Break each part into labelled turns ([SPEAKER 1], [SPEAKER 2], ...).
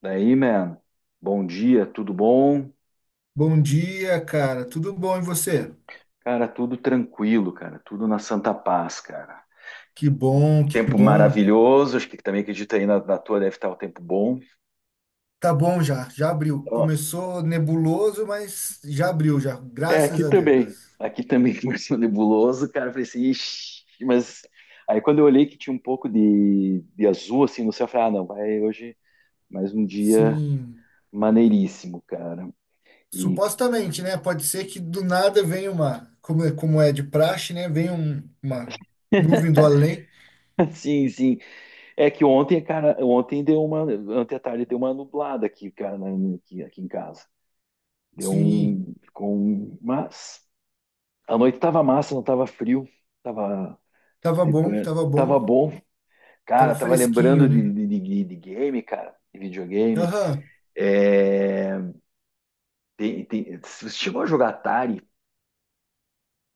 [SPEAKER 1] Daí, man, bom dia, tudo bom?
[SPEAKER 2] Bom dia, cara. Tudo bom e você?
[SPEAKER 1] Cara, tudo tranquilo, cara, tudo na Santa Paz, cara.
[SPEAKER 2] Que bom, que
[SPEAKER 1] Tempo
[SPEAKER 2] bom.
[SPEAKER 1] maravilhoso, acho que também acredito aí na tua deve estar o tempo bom.
[SPEAKER 2] Tá bom já, já abriu.
[SPEAKER 1] Ó,
[SPEAKER 2] Começou nebuloso, mas já abriu já.
[SPEAKER 1] é,
[SPEAKER 2] Graças
[SPEAKER 1] aqui
[SPEAKER 2] a
[SPEAKER 1] também,
[SPEAKER 2] Deus.
[SPEAKER 1] aqui também começou nebuloso, cara, eu falei assim, ixi, mas aí quando eu olhei que tinha um pouco de azul assim no céu, eu falei, ah, não, vai hoje mais um dia
[SPEAKER 2] Sim,
[SPEAKER 1] maneiríssimo, cara. E
[SPEAKER 2] supostamente, né? Pode ser que do nada venha uma, como é de praxe, né? Venha uma nuvem do além.
[SPEAKER 1] sim, sim. É que ontem, cara, ontem deu uma, ontem à tarde deu uma nublada aqui, cara, aqui, aqui, em casa. Deu
[SPEAKER 2] Sim,
[SPEAKER 1] um, ficou um, mas a noite tava massa, não tava frio, tava
[SPEAKER 2] tava bom,
[SPEAKER 1] depois,
[SPEAKER 2] tava
[SPEAKER 1] tava
[SPEAKER 2] bom.
[SPEAKER 1] bom.
[SPEAKER 2] Tava
[SPEAKER 1] Cara, tava
[SPEAKER 2] fresquinho,
[SPEAKER 1] lembrando
[SPEAKER 2] né?
[SPEAKER 1] de game, cara, de videogame.
[SPEAKER 2] Aham.
[SPEAKER 1] É, tem, você chegou a jogar Atari?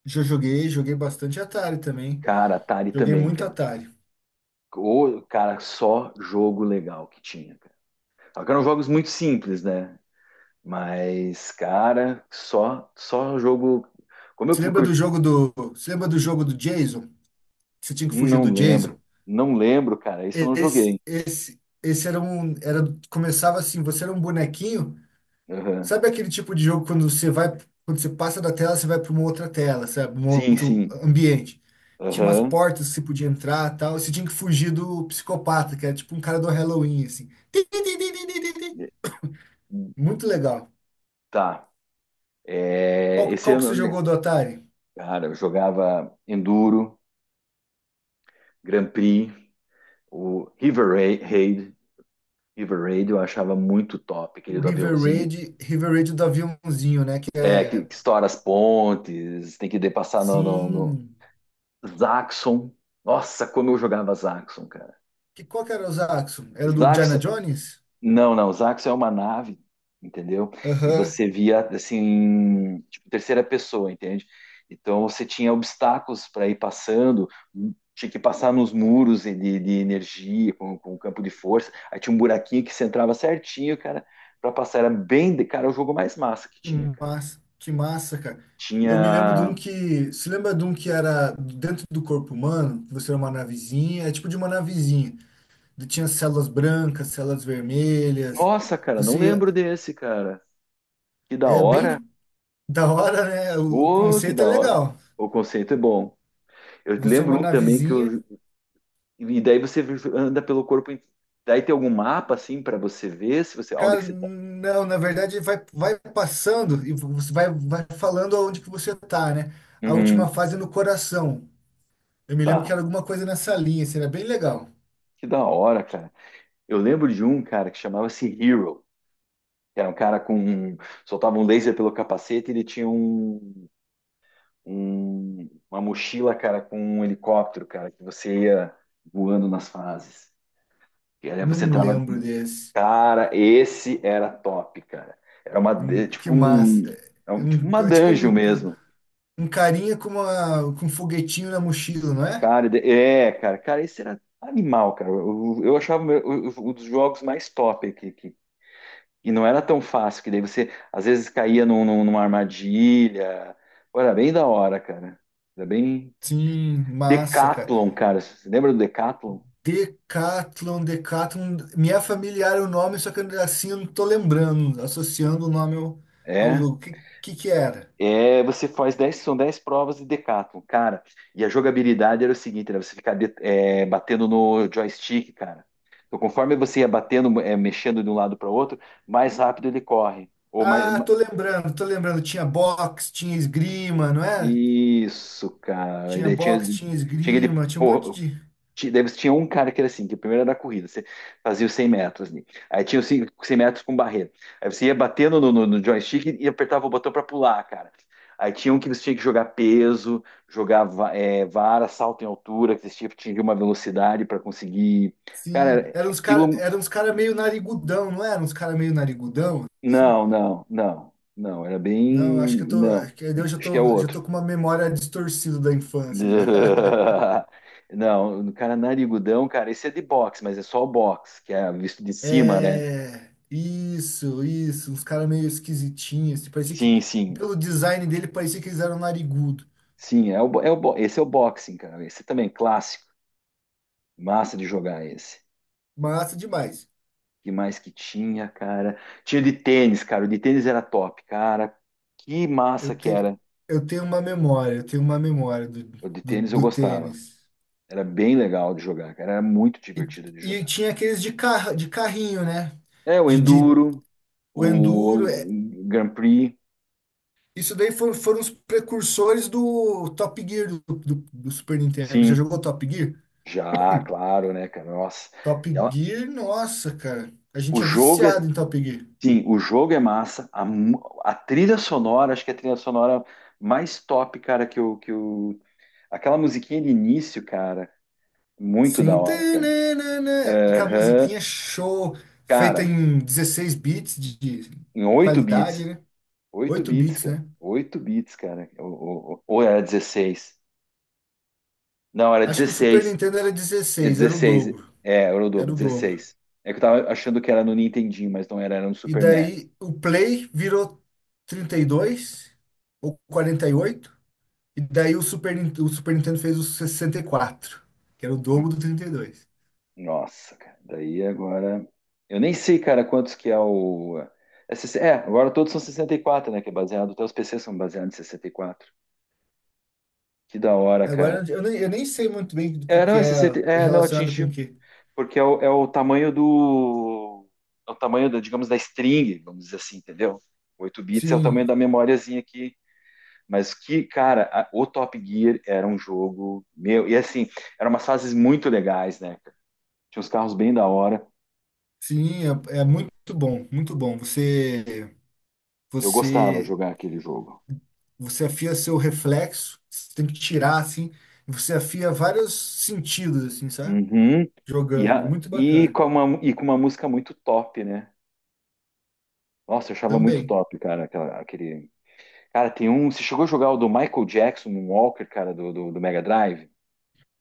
[SPEAKER 2] Já joguei, joguei bastante Atari também.
[SPEAKER 1] Cara, Atari
[SPEAKER 2] Joguei
[SPEAKER 1] também,
[SPEAKER 2] muito
[SPEAKER 1] cara.
[SPEAKER 2] Atari.
[SPEAKER 1] Ô, cara, só jogo legal que tinha, cara. Só que eram jogos muito simples, né? Mas, cara, só jogo. Como eu procuro.
[SPEAKER 2] Você lembra do jogo do Jason? Você tinha que fugir do
[SPEAKER 1] Não
[SPEAKER 2] Jason.
[SPEAKER 1] lembro. Não lembro, cara. Isso eu não
[SPEAKER 2] Esse,
[SPEAKER 1] joguei.
[SPEAKER 2] esse, esse era um, era, começava assim, você era um bonequinho.
[SPEAKER 1] Aham.
[SPEAKER 2] Sabe aquele tipo de jogo quando você vai, quando você passa da tela, você vai para uma outra tela, sabe? Um
[SPEAKER 1] Sim,
[SPEAKER 2] outro
[SPEAKER 1] sim.
[SPEAKER 2] ambiente. Tinha umas
[SPEAKER 1] Aham.
[SPEAKER 2] portas que você podia entrar, tal. Você tinha que fugir do psicopata, que era tipo um cara do Halloween, assim. Tim, tim, tim, tim, tim, tim, tim. Muito legal.
[SPEAKER 1] Tá. É,
[SPEAKER 2] Qual,
[SPEAKER 1] esse
[SPEAKER 2] qual
[SPEAKER 1] eu
[SPEAKER 2] que
[SPEAKER 1] não
[SPEAKER 2] você jogou
[SPEAKER 1] lembro.
[SPEAKER 2] do Atari?
[SPEAKER 1] Cara, eu jogava Enduro, Grand Prix, o River Raid. River Raid eu achava muito top,
[SPEAKER 2] O
[SPEAKER 1] aquele do
[SPEAKER 2] River
[SPEAKER 1] aviãozinho.
[SPEAKER 2] Raid, River Raid do aviãozinho, né? Que
[SPEAKER 1] É, que,
[SPEAKER 2] é,
[SPEAKER 1] que estoura as pontes, tem que passar no
[SPEAKER 2] sim.
[SPEAKER 1] Zaxxon. Nossa, como eu jogava Zaxxon, cara.
[SPEAKER 2] Que qual que era o Zaxxon? Era do Diana
[SPEAKER 1] Zaxxon
[SPEAKER 2] Jones?
[SPEAKER 1] não, não, os Axis é uma nave, entendeu? E
[SPEAKER 2] Aham.
[SPEAKER 1] você via assim, tipo, terceira pessoa, entende? Então você tinha obstáculos para ir passando, tinha que passar nos muros e de energia, com campo de força. Aí tinha um buraquinho que você entrava certinho, cara, para passar. Era bem, cara, o jogo mais massa que
[SPEAKER 2] Que
[SPEAKER 1] tinha, cara.
[SPEAKER 2] que massa, cara. Eu me lembro de um
[SPEAKER 1] Tinha.
[SPEAKER 2] que. Se lembra de um que era dentro do corpo humano? Que Você era uma navezinha, é tipo de uma navezinha. De- Tinha células brancas, células vermelhas.
[SPEAKER 1] Nossa, cara, não
[SPEAKER 2] Você.
[SPEAKER 1] lembro desse, cara. Que da
[SPEAKER 2] É bem
[SPEAKER 1] hora.
[SPEAKER 2] da hora, né? O
[SPEAKER 1] Ô, que
[SPEAKER 2] conceito é
[SPEAKER 1] da hora.
[SPEAKER 2] legal.
[SPEAKER 1] O conceito é bom. Eu
[SPEAKER 2] Você é
[SPEAKER 1] lembro
[SPEAKER 2] uma
[SPEAKER 1] um também que
[SPEAKER 2] navezinha.
[SPEAKER 1] eu, e daí você anda pelo corpo. Daí tem algum mapa assim para você ver se você onde
[SPEAKER 2] Cara,
[SPEAKER 1] que você tá.
[SPEAKER 2] não, na verdade vai passando e você vai falando aonde que você tá, né? A última
[SPEAKER 1] Uhum,
[SPEAKER 2] fase é no coração. Eu me lembro que
[SPEAKER 1] tá.
[SPEAKER 2] era alguma coisa nessa linha, assim, era bem legal.
[SPEAKER 1] Que da hora, cara. Eu lembro de um cara que chamava-se Hero, que era um cara com um, soltava um laser pelo capacete, e ele tinha um, uma mochila, cara, com um helicóptero, cara, que você ia voando nas fases. E aí você
[SPEAKER 2] Não
[SPEAKER 1] entrava.
[SPEAKER 2] lembro desse.
[SPEAKER 1] Cara, esse era top, cara. Era uma, é
[SPEAKER 2] Que
[SPEAKER 1] tipo um,
[SPEAKER 2] massa.
[SPEAKER 1] tipo uma
[SPEAKER 2] É tipo um,
[SPEAKER 1] dungeon mesmo.
[SPEAKER 2] um carinha com um foguetinho na mochila, não é?
[SPEAKER 1] Cara, é, cara, esse era animal, cara. Eu achava o meu- o- um dos jogos mais top que, e não era tão fácil, que daí você às vezes caía numa armadilha. Pô, era bem da hora, cara. Era bem.
[SPEAKER 2] Sim, massa, cara.
[SPEAKER 1] Decathlon, cara. Você lembra do Decathlon?
[SPEAKER 2] Decathlon, Decathlon. Me é familiar o nome, só que assim eu não tô lembrando, associando o nome ao
[SPEAKER 1] É.
[SPEAKER 2] jogo. Que era?
[SPEAKER 1] É, você faz 10 são 10 provas de Decathlon, cara. E a jogabilidade era o seguinte, era você ficar batendo no joystick, cara. Então, conforme você ia batendo, mexendo de um lado para o outro, mais rápido ele corre. Ou mais,
[SPEAKER 2] Ah, tô lembrando, tô lembrando. Tinha boxe, tinha esgrima, não é?
[SPEAKER 1] isso, cara. E
[SPEAKER 2] Tinha
[SPEAKER 1] daí tinha,
[SPEAKER 2] boxe, tinha
[SPEAKER 1] tinha aquele.
[SPEAKER 2] esgrima, tinha um monte
[SPEAKER 1] Porra,
[SPEAKER 2] de.
[SPEAKER 1] daí você tinha um cara que era assim, que o primeiro era da corrida, você fazia os 100 metros ali. Aí tinha os 100 metros com barreira. Aí você ia batendo no joystick e apertava o botão pra pular, cara. Aí tinha um que você tinha que jogar peso, jogar vara, salto em altura, que você tinha que atingir uma velocidade pra conseguir.
[SPEAKER 2] Sim,
[SPEAKER 1] Cara,
[SPEAKER 2] eram uns caras,
[SPEAKER 1] aquilo.
[SPEAKER 2] eram uns cara meio narigudão, não eram uns caras meio narigudão, assim?
[SPEAKER 1] Não, não, não, não. Era bem.
[SPEAKER 2] Não,
[SPEAKER 1] Não.
[SPEAKER 2] acho que eu já
[SPEAKER 1] Acho que é
[SPEAKER 2] tô, já
[SPEAKER 1] outro.
[SPEAKER 2] tô com uma memória distorcida da infância já.
[SPEAKER 1] Não, o cara narigudão, cara, esse é de boxe, mas é só o boxe, que é visto de cima, né?
[SPEAKER 2] É, isso, uns caras meio esquisitinhos, assim, parecia que
[SPEAKER 1] Sim, sim,
[SPEAKER 2] pelo design dele parecia que eles eram narigudo.
[SPEAKER 1] sim, esse é o boxing, cara, esse também, clássico, massa de jogar esse.
[SPEAKER 2] Massa demais.
[SPEAKER 1] Que mais que tinha, cara? Tinha o de tênis, cara, o de tênis era top, cara, que massa
[SPEAKER 2] Eu
[SPEAKER 1] que
[SPEAKER 2] te,
[SPEAKER 1] era.
[SPEAKER 2] eu tenho uma memória, eu tenho uma memória do,
[SPEAKER 1] O de
[SPEAKER 2] do,
[SPEAKER 1] tênis eu
[SPEAKER 2] do
[SPEAKER 1] gostava,
[SPEAKER 2] tênis.
[SPEAKER 1] era bem legal de jogar, cara, era muito
[SPEAKER 2] E,
[SPEAKER 1] divertido de
[SPEAKER 2] e
[SPEAKER 1] jogar.
[SPEAKER 2] tinha aqueles de carro, de carrinho, né?
[SPEAKER 1] É, o
[SPEAKER 2] De
[SPEAKER 1] Enduro,
[SPEAKER 2] o enduro.
[SPEAKER 1] o Grand Prix,
[SPEAKER 2] Isso daí foram os precursores do Top Gear do Super Nintendo. Já
[SPEAKER 1] sim,
[SPEAKER 2] jogou Top Gear?
[SPEAKER 1] já, claro, né, cara? Nossa.
[SPEAKER 2] Top
[SPEAKER 1] ela-
[SPEAKER 2] Gear, nossa, cara. A
[SPEAKER 1] o
[SPEAKER 2] gente é
[SPEAKER 1] jogo é,
[SPEAKER 2] viciado em Top Gear.
[SPEAKER 1] sim, o jogo é massa. A trilha sonora, acho que é a trilha sonora mais top, cara, que o aquela musiquinha de início, cara, muito da
[SPEAKER 2] Sim,
[SPEAKER 1] hora, cara.
[SPEAKER 2] tananana, é aquela
[SPEAKER 1] Aham.
[SPEAKER 2] musiquinha show, feita
[SPEAKER 1] Cara,
[SPEAKER 2] em 16 bits de
[SPEAKER 1] em 8
[SPEAKER 2] qualidade,
[SPEAKER 1] bits.
[SPEAKER 2] né?
[SPEAKER 1] oito
[SPEAKER 2] 8
[SPEAKER 1] bits,
[SPEAKER 2] bits,
[SPEAKER 1] cara.
[SPEAKER 2] né?
[SPEAKER 1] 8 bits, cara. Ou era 16? Não, era
[SPEAKER 2] Acho que o Super
[SPEAKER 1] 16.
[SPEAKER 2] Nintendo era
[SPEAKER 1] É
[SPEAKER 2] 16, era o
[SPEAKER 1] 16.
[SPEAKER 2] dobro,
[SPEAKER 1] É, era o dobro,
[SPEAKER 2] era o dobro.
[SPEAKER 1] 16. É que eu tava achando que era no Nintendinho, mas não era, era no
[SPEAKER 2] E
[SPEAKER 1] Super NES.
[SPEAKER 2] daí o Play virou 32 ou 48. E daí o Super Nintendo fez o 64 que era o dobro do 32.
[SPEAKER 1] Nossa, cara. Daí agora. Eu nem sei, cara, quantos que é o. É, 60 é, agora todos são 64, né? Que é baseado. Até os PCs são baseados em 64. Que da hora, cara.
[SPEAKER 2] Agora eu nem sei muito bem do que,
[SPEAKER 1] É, não,
[SPEAKER 2] que
[SPEAKER 1] é
[SPEAKER 2] é
[SPEAKER 1] 60. É, não,
[SPEAKER 2] relacionado com o
[SPEAKER 1] atingiu.
[SPEAKER 2] quê.
[SPEAKER 1] Porque é o tamanho do. É o tamanho, da, digamos, da string, vamos dizer assim, entendeu? 8 bits é o
[SPEAKER 2] Sim,
[SPEAKER 1] tamanho da memóriazinha aqui. Mas que, cara, o Top Gear era um jogo meu. E assim, eram umas fases muito legais, né, cara? Tinha uns carros bem da hora.
[SPEAKER 2] sim, é muito bom, muito bom.
[SPEAKER 1] Eu gostava de
[SPEAKER 2] Você,
[SPEAKER 1] jogar aquele jogo.
[SPEAKER 2] você afia seu reflexo, você tem que tirar assim, e você afia vários sentidos assim, sabe?
[SPEAKER 1] Uhum.
[SPEAKER 2] Jogando, é muito bacana.
[SPEAKER 1] Com uma, e com uma música muito top, né? Nossa, eu achava muito
[SPEAKER 2] Também.
[SPEAKER 1] top, cara, aquele... Cara, tem um... Você chegou a jogar o do Michael Jackson, um Walker, cara, do Mega Drive?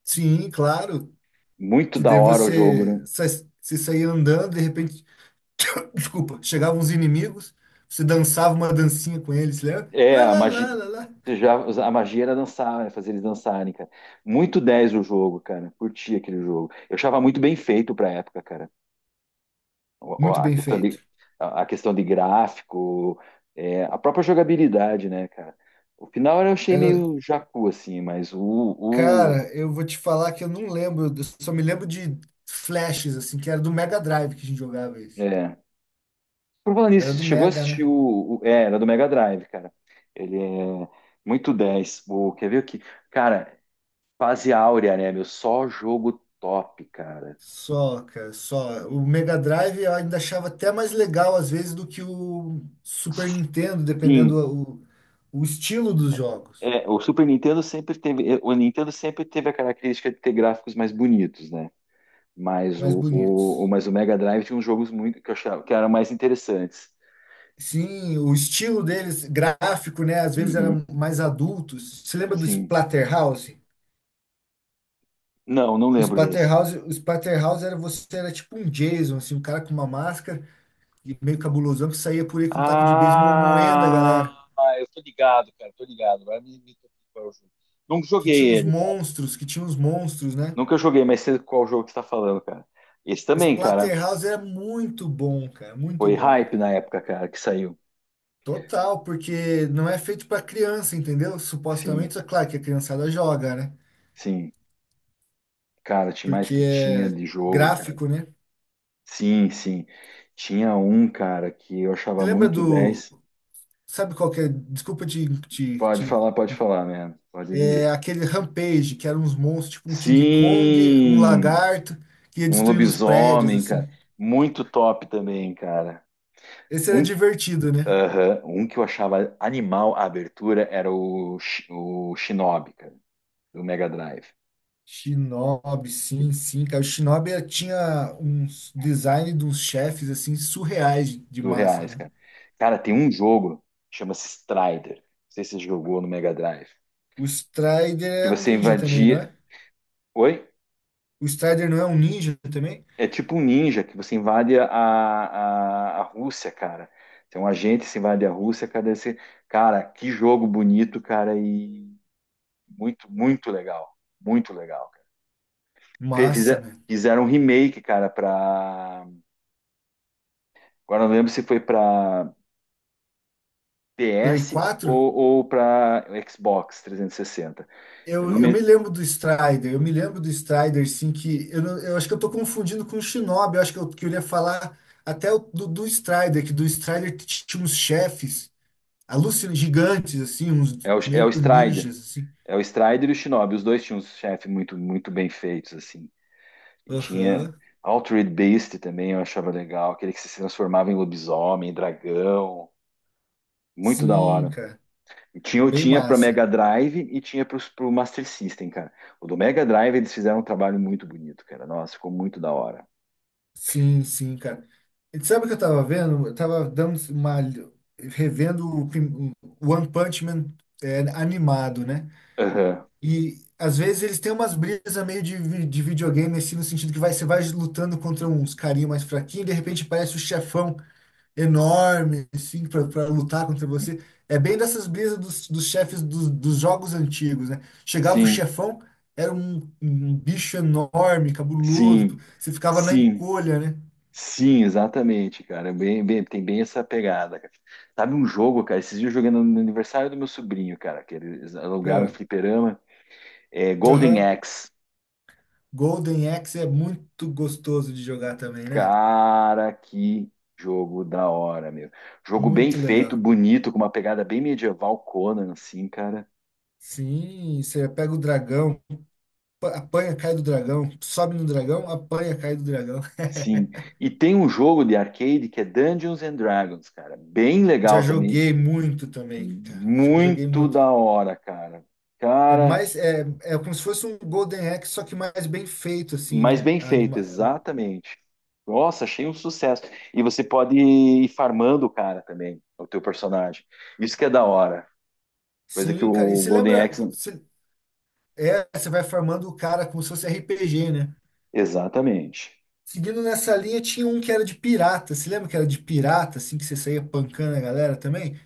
[SPEAKER 2] Sim, claro,
[SPEAKER 1] Muito
[SPEAKER 2] que
[SPEAKER 1] da
[SPEAKER 2] daí
[SPEAKER 1] hora o jogo, né?
[SPEAKER 2] você sair andando, de repente desculpa, chegavam os inimigos, você dançava uma dancinha com eles, lembra?
[SPEAKER 1] É,
[SPEAKER 2] Lá,
[SPEAKER 1] a
[SPEAKER 2] lá,
[SPEAKER 1] magia...
[SPEAKER 2] lá, lá, lá.
[SPEAKER 1] Já, a magia era dançar, né? Fazer eles dançarem, cara. Muito 10 o jogo, cara. Curti aquele jogo. Eu achava muito bem feito pra época, cara. O- o-
[SPEAKER 2] Muito
[SPEAKER 1] A
[SPEAKER 2] bem
[SPEAKER 1] questão de,
[SPEAKER 2] feito.
[SPEAKER 1] a questão de gráfico, a própria jogabilidade, né, cara? O final eu achei
[SPEAKER 2] Era-
[SPEAKER 1] meio jacu, assim, mas o
[SPEAKER 2] cara, eu vou te falar que eu não lembro, eu só me lembro de flashes, assim, que era do Mega Drive que a gente jogava isso.
[SPEAKER 1] é. Por falar
[SPEAKER 2] Era
[SPEAKER 1] nisso, você
[SPEAKER 2] do
[SPEAKER 1] chegou a
[SPEAKER 2] Mega,
[SPEAKER 1] assistir
[SPEAKER 2] né?
[SPEAKER 1] era do Mega Drive, cara. Ele é muito dez. O, quer ver o que? Cara, fase áurea, né, meu? Só jogo top, cara.
[SPEAKER 2] Só, cara, só. O Mega Drive eu ainda achava até mais legal, às vezes, do que o Super Nintendo,
[SPEAKER 1] Sim.
[SPEAKER 2] dependendo o estilo dos jogos,
[SPEAKER 1] É, o Nintendo sempre teve a característica de ter gráficos mais bonitos, né? Mas
[SPEAKER 2] mais
[SPEAKER 1] o, o, o-
[SPEAKER 2] bonitos.
[SPEAKER 1] mas o Mega Drive tinha uns jogos muito que eu achava que eram mais interessantes.
[SPEAKER 2] Sim, o estilo deles, gráfico, né? Às vezes era
[SPEAKER 1] Uhum,
[SPEAKER 2] mais adultos. Você lembra do
[SPEAKER 1] sim.
[SPEAKER 2] Splatterhouse?
[SPEAKER 1] Não, não
[SPEAKER 2] O
[SPEAKER 1] lembro desse.
[SPEAKER 2] Splatterhouse, o Splatterhouse era você era tipo um Jason, assim, um cara com uma máscara e meio cabulosão que saía por aí com um taco de beisebol moendo a
[SPEAKER 1] Ah,
[SPEAKER 2] galera.
[SPEAKER 1] eu tô ligado, cara, tô ligado. Agora me toquei qual é o jogo. Nunca
[SPEAKER 2] Que
[SPEAKER 1] joguei
[SPEAKER 2] tinha uns
[SPEAKER 1] ele.
[SPEAKER 2] monstros, que tinha uns monstros, né?
[SPEAKER 1] Nunca joguei, mas sei qual jogo que você tá falando, cara. Esse também, cara,
[SPEAKER 2] Splatterhouse era muito bom, cara, muito
[SPEAKER 1] foi
[SPEAKER 2] bom.
[SPEAKER 1] hype na época, cara, que saiu.
[SPEAKER 2] Total, porque não é feito pra criança, entendeu?
[SPEAKER 1] Sim,
[SPEAKER 2] Supostamente, é claro que a criançada joga, né?
[SPEAKER 1] sim. Cara, tinha mais
[SPEAKER 2] Porque
[SPEAKER 1] que tinha
[SPEAKER 2] é
[SPEAKER 1] de jogo, cara.
[SPEAKER 2] gráfico, né?
[SPEAKER 1] Sim, sim. Tinha um, cara, que eu
[SPEAKER 2] Você
[SPEAKER 1] achava
[SPEAKER 2] lembra
[SPEAKER 1] muito
[SPEAKER 2] do
[SPEAKER 1] dez.
[SPEAKER 2] Sabe qual que é? Desculpa te, te, te-
[SPEAKER 1] Pode falar, né? Pode dizer.
[SPEAKER 2] É aquele Rampage, que eram uns monstros, tipo um King Kong, um
[SPEAKER 1] Sim,
[SPEAKER 2] lagarto, que ia
[SPEAKER 1] um
[SPEAKER 2] destruindo os prédios,
[SPEAKER 1] lobisomem, cara.
[SPEAKER 2] assim.
[SPEAKER 1] Muito top também, cara.
[SPEAKER 2] Esse era
[SPEAKER 1] Um que,
[SPEAKER 2] divertido, né?
[SPEAKER 1] aham, um que eu achava animal a abertura era o Shinobi, cara, do Mega Drive,
[SPEAKER 2] Shinobi, sim, sim, cara. O Shinobi tinha uns design de uns chefes, assim, surreais de
[SPEAKER 1] do
[SPEAKER 2] massa,
[SPEAKER 1] Reais,
[SPEAKER 2] né?
[SPEAKER 1] cara. Cara, tem um jogo, chama-se Strider. Não sei se você jogou no Mega Drive.
[SPEAKER 2] O Strider
[SPEAKER 1] Que
[SPEAKER 2] é um
[SPEAKER 1] você
[SPEAKER 2] ninja também, não
[SPEAKER 1] invadia.
[SPEAKER 2] é?
[SPEAKER 1] Oi?
[SPEAKER 2] O Strider não é um ninja também?
[SPEAKER 1] É tipo um ninja que você invade a Rússia, cara. Tem um agente que se invade a Rússia, cara. Esse... Cara, que jogo bonito, cara. E muito, muito legal. Muito legal, cara.
[SPEAKER 2] Massa, né?
[SPEAKER 1] Fizeram um remake, cara, pra. Agora eu não lembro se foi pra
[SPEAKER 2] Play
[SPEAKER 1] PS
[SPEAKER 2] quatro
[SPEAKER 1] ou pra Xbox 360. Eu
[SPEAKER 2] Eu,
[SPEAKER 1] não
[SPEAKER 2] eu
[SPEAKER 1] me...
[SPEAKER 2] me lembro do Strider, eu me lembro do Strider, sim, que eu, não- eu acho que eu tô confundindo com o Shinobi, eu acho que eu queria falar até do Strider, que do Strider tinha uns chefes alucin gigantes, assim, uns
[SPEAKER 1] é o
[SPEAKER 2] meio
[SPEAKER 1] Strider.
[SPEAKER 2] ninjas, assim.
[SPEAKER 1] É o Strider e o Shinobi. Os dois tinham uns chefes muito, muito bem feitos, assim. E tinha
[SPEAKER 2] Aham,
[SPEAKER 1] Altered Beast também, eu achava legal. Aquele que se transformava em lobisomem, dragão. Muito da
[SPEAKER 2] sim,
[SPEAKER 1] hora.
[SPEAKER 2] cara,
[SPEAKER 1] Eu
[SPEAKER 2] bem
[SPEAKER 1] tinha para Mega
[SPEAKER 2] massa.
[SPEAKER 1] Drive e tinha para o Master System, cara. O do Mega Drive eles fizeram um trabalho muito bonito, cara. Nossa, ficou muito da hora.
[SPEAKER 2] Sim, sim, cara. E sabe o que eu tava vendo? Eu tava revendo o One Punch Man é, animado, né?
[SPEAKER 1] Aham.
[SPEAKER 2] E às vezes eles têm umas brisas meio de videogame, assim, no sentido que você vai lutando contra uns carinha mais fraquinho, e de repente parece um chefão enorme, assim, pra lutar contra você. É bem dessas brisas dos chefes dos jogos antigos, né? Chegava o
[SPEAKER 1] Sim,
[SPEAKER 2] chefão, era um bicho enorme, cabuloso,
[SPEAKER 1] sim,
[SPEAKER 2] você ficava na
[SPEAKER 1] sim,
[SPEAKER 2] encolha, né?
[SPEAKER 1] sim, exatamente, cara. É bem, tem bem essa pegada, cara. Sabe um jogo, cara? Esses dias eu joguei no aniversário do meu sobrinho, cara, que eles alugaram um
[SPEAKER 2] É.
[SPEAKER 1] fliperama, Golden
[SPEAKER 2] Aham.
[SPEAKER 1] Axe.
[SPEAKER 2] Golden Axe é muito gostoso de jogar também, né?
[SPEAKER 1] Cara, que jogo da hora, meu. Jogo bem
[SPEAKER 2] Muito
[SPEAKER 1] feito,
[SPEAKER 2] legal.
[SPEAKER 1] bonito, com uma pegada bem medieval, Conan, assim, cara.
[SPEAKER 2] Sim, você pega o dragão. Apanha, cai do dragão. Sobe no dragão, apanha, cai do dragão.
[SPEAKER 1] Sim. E tem um jogo de arcade que é Dungeons and Dragons, cara. Bem
[SPEAKER 2] Já
[SPEAKER 1] legal também.
[SPEAKER 2] joguei muito também, cara. Já joguei
[SPEAKER 1] Muito
[SPEAKER 2] muito.
[SPEAKER 1] da hora, cara.
[SPEAKER 2] É
[SPEAKER 1] Cara,
[SPEAKER 2] mais, é como se fosse um Golden Axe, só que mais bem feito, assim,
[SPEAKER 1] mas
[SPEAKER 2] né?
[SPEAKER 1] bem
[SPEAKER 2] A
[SPEAKER 1] feito,
[SPEAKER 2] anima...
[SPEAKER 1] exatamente. Nossa, achei um sucesso. E você pode ir farmando o cara também, o teu personagem. Isso que é da hora. Coisa que
[SPEAKER 2] Sim, cara. E
[SPEAKER 1] o
[SPEAKER 2] se
[SPEAKER 1] Golden
[SPEAKER 2] lembra,
[SPEAKER 1] Axe.
[SPEAKER 2] se... é, você vai farmando o cara como se fosse RPG, né?
[SPEAKER 1] Exatamente.
[SPEAKER 2] Seguindo nessa linha, tinha um que era de pirata. Se lembra que era de pirata, assim, que você saía pancando a galera também?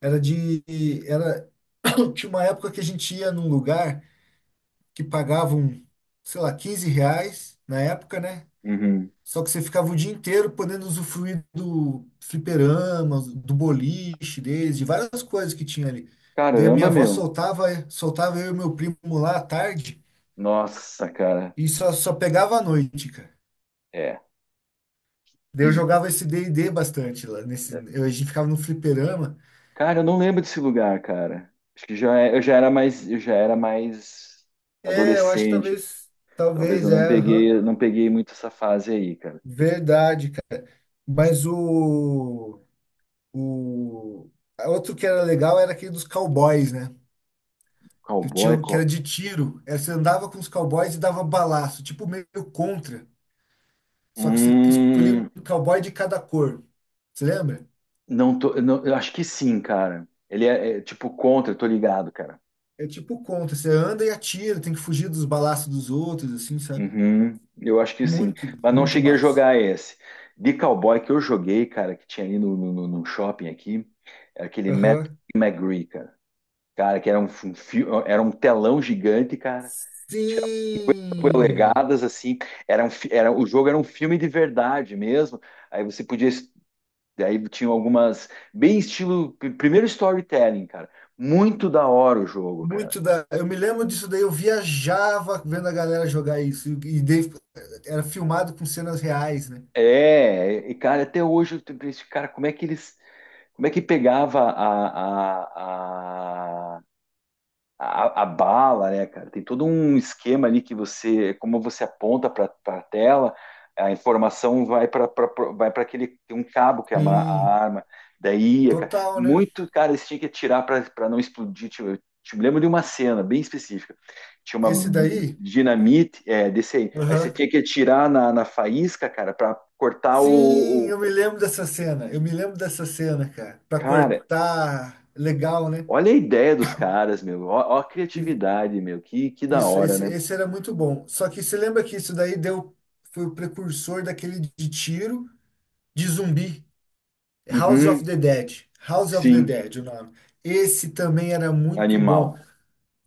[SPEAKER 2] Era de. Era... Tinha uma época que a gente ia num lugar que pagavam, sei lá, R$ 15 na época, né?
[SPEAKER 1] Uhum.
[SPEAKER 2] Só que você ficava o dia inteiro podendo usufruir do fliperama, do boliche deles, de várias coisas que tinha ali. Daí a minha
[SPEAKER 1] Caramba,
[SPEAKER 2] avó
[SPEAKER 1] meu.
[SPEAKER 2] soltava eu e meu primo lá à tarde
[SPEAKER 1] Nossa, cara.
[SPEAKER 2] e só pegava à noite, cara.
[SPEAKER 1] É.
[SPEAKER 2] Daí eu
[SPEAKER 1] Que...
[SPEAKER 2] jogava esse D&D bastante lá nesse, a gente ficava no fliperama.
[SPEAKER 1] Cara, eu não lembro desse lugar, cara. Acho que já, eu já era mais, eu já era mais
[SPEAKER 2] É, eu acho que
[SPEAKER 1] adolescente.
[SPEAKER 2] talvez,
[SPEAKER 1] Talvez
[SPEAKER 2] talvez,
[SPEAKER 1] eu não
[SPEAKER 2] é, aham.
[SPEAKER 1] peguei, não peguei muito essa fase aí, cara.
[SPEAKER 2] Verdade, cara. Mas o O outro que era legal era aquele dos cowboys, né? Que tinha,
[SPEAKER 1] Cowboy,
[SPEAKER 2] um, que era de tiro. Era, você andava com os cowboys e dava balaço, tipo meio contra. Só que você escolhia
[SPEAKER 1] Hum,
[SPEAKER 2] um cowboy de cada cor. Você lembra?
[SPEAKER 1] não tô, eu não, eu acho que sim, cara. Ele é tipo contra, eu tô ligado, cara.
[SPEAKER 2] É tipo contra. Você anda e atira, tem que fugir dos balaços dos outros, assim, sabe?
[SPEAKER 1] Uhum, eu acho que sim,
[SPEAKER 2] Muito,
[SPEAKER 1] mas não
[SPEAKER 2] muito
[SPEAKER 1] cheguei a
[SPEAKER 2] massa.
[SPEAKER 1] jogar esse. De cowboy que eu joguei, cara, que tinha ali no shopping aqui, era aquele Matt
[SPEAKER 2] Aham.
[SPEAKER 1] McGree, cara. Cara, que era um, era um telão gigante, cara.
[SPEAKER 2] Sim!
[SPEAKER 1] Polegadas, assim, era um, fi- era, o jogo era um filme de verdade mesmo. Aí você podia, aí tinha algumas, bem estilo, primeiro storytelling, cara. Muito da hora o jogo, cara.
[SPEAKER 2] Muito da. Eu me lembro disso daí, eu viajava vendo a galera jogar isso. E daí era filmado com cenas reais, né?
[SPEAKER 1] É, e cara, até hoje eu tenho esse cara, como é que pegava a bala, né, cara? Tem todo um esquema ali que você, como você aponta para a tela, a informação vai para aquele tem um cabo que é a
[SPEAKER 2] Sim,
[SPEAKER 1] arma. Daí, cara,
[SPEAKER 2] total, né?
[SPEAKER 1] muito cara eles tinham que atirar para não explodir. Tipo, me lembro de uma cena bem específica. Tinha uma
[SPEAKER 2] Esse daí?
[SPEAKER 1] dinamite, é, desse aí. Aí você
[SPEAKER 2] Aham.
[SPEAKER 1] tinha que atirar na faísca, cara, para cortar
[SPEAKER 2] Sim, eu me lembro dessa cena. Eu me lembro dessa cena, cara. Pra
[SPEAKER 1] cara,
[SPEAKER 2] cortar, legal, né?
[SPEAKER 1] olha a ideia dos caras, meu. Ó, ó a
[SPEAKER 2] E
[SPEAKER 1] criatividade, meu. Que da
[SPEAKER 2] isso,
[SPEAKER 1] hora,
[SPEAKER 2] esse,
[SPEAKER 1] né?
[SPEAKER 2] esse era muito bom. Só que você lembra que isso daí foi o precursor daquele de tiro de zumbi, House of
[SPEAKER 1] Uhum,
[SPEAKER 2] the Dead. House of the
[SPEAKER 1] sim.
[SPEAKER 2] Dead, o nome. Esse também era muito
[SPEAKER 1] Animal,
[SPEAKER 2] bom.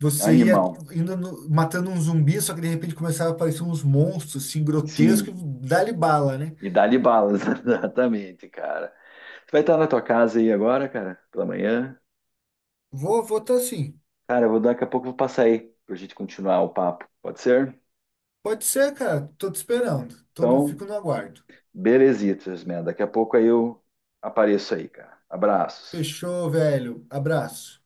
[SPEAKER 2] Você ia
[SPEAKER 1] animal,
[SPEAKER 2] indo no- matando um zumbi, só que de repente começava a aparecer uns monstros assim
[SPEAKER 1] sim.
[SPEAKER 2] grotescos, e dá-lhe bala, né?
[SPEAKER 1] E dá-lhe balas, exatamente, cara. Você vai estar na tua casa aí agora, cara, pela manhã?
[SPEAKER 2] Vou tá assim.
[SPEAKER 1] Cara, eu vou daqui a pouco eu vou passar aí pra gente continuar o papo, pode ser?
[SPEAKER 2] Pode ser, cara. Tô te esperando. Tô, não
[SPEAKER 1] Então,
[SPEAKER 2] fico no aguardo.
[SPEAKER 1] belezitas, man. Daqui a pouco aí eu apareço aí, cara. Abraços.
[SPEAKER 2] Fechou, velho. Abraço.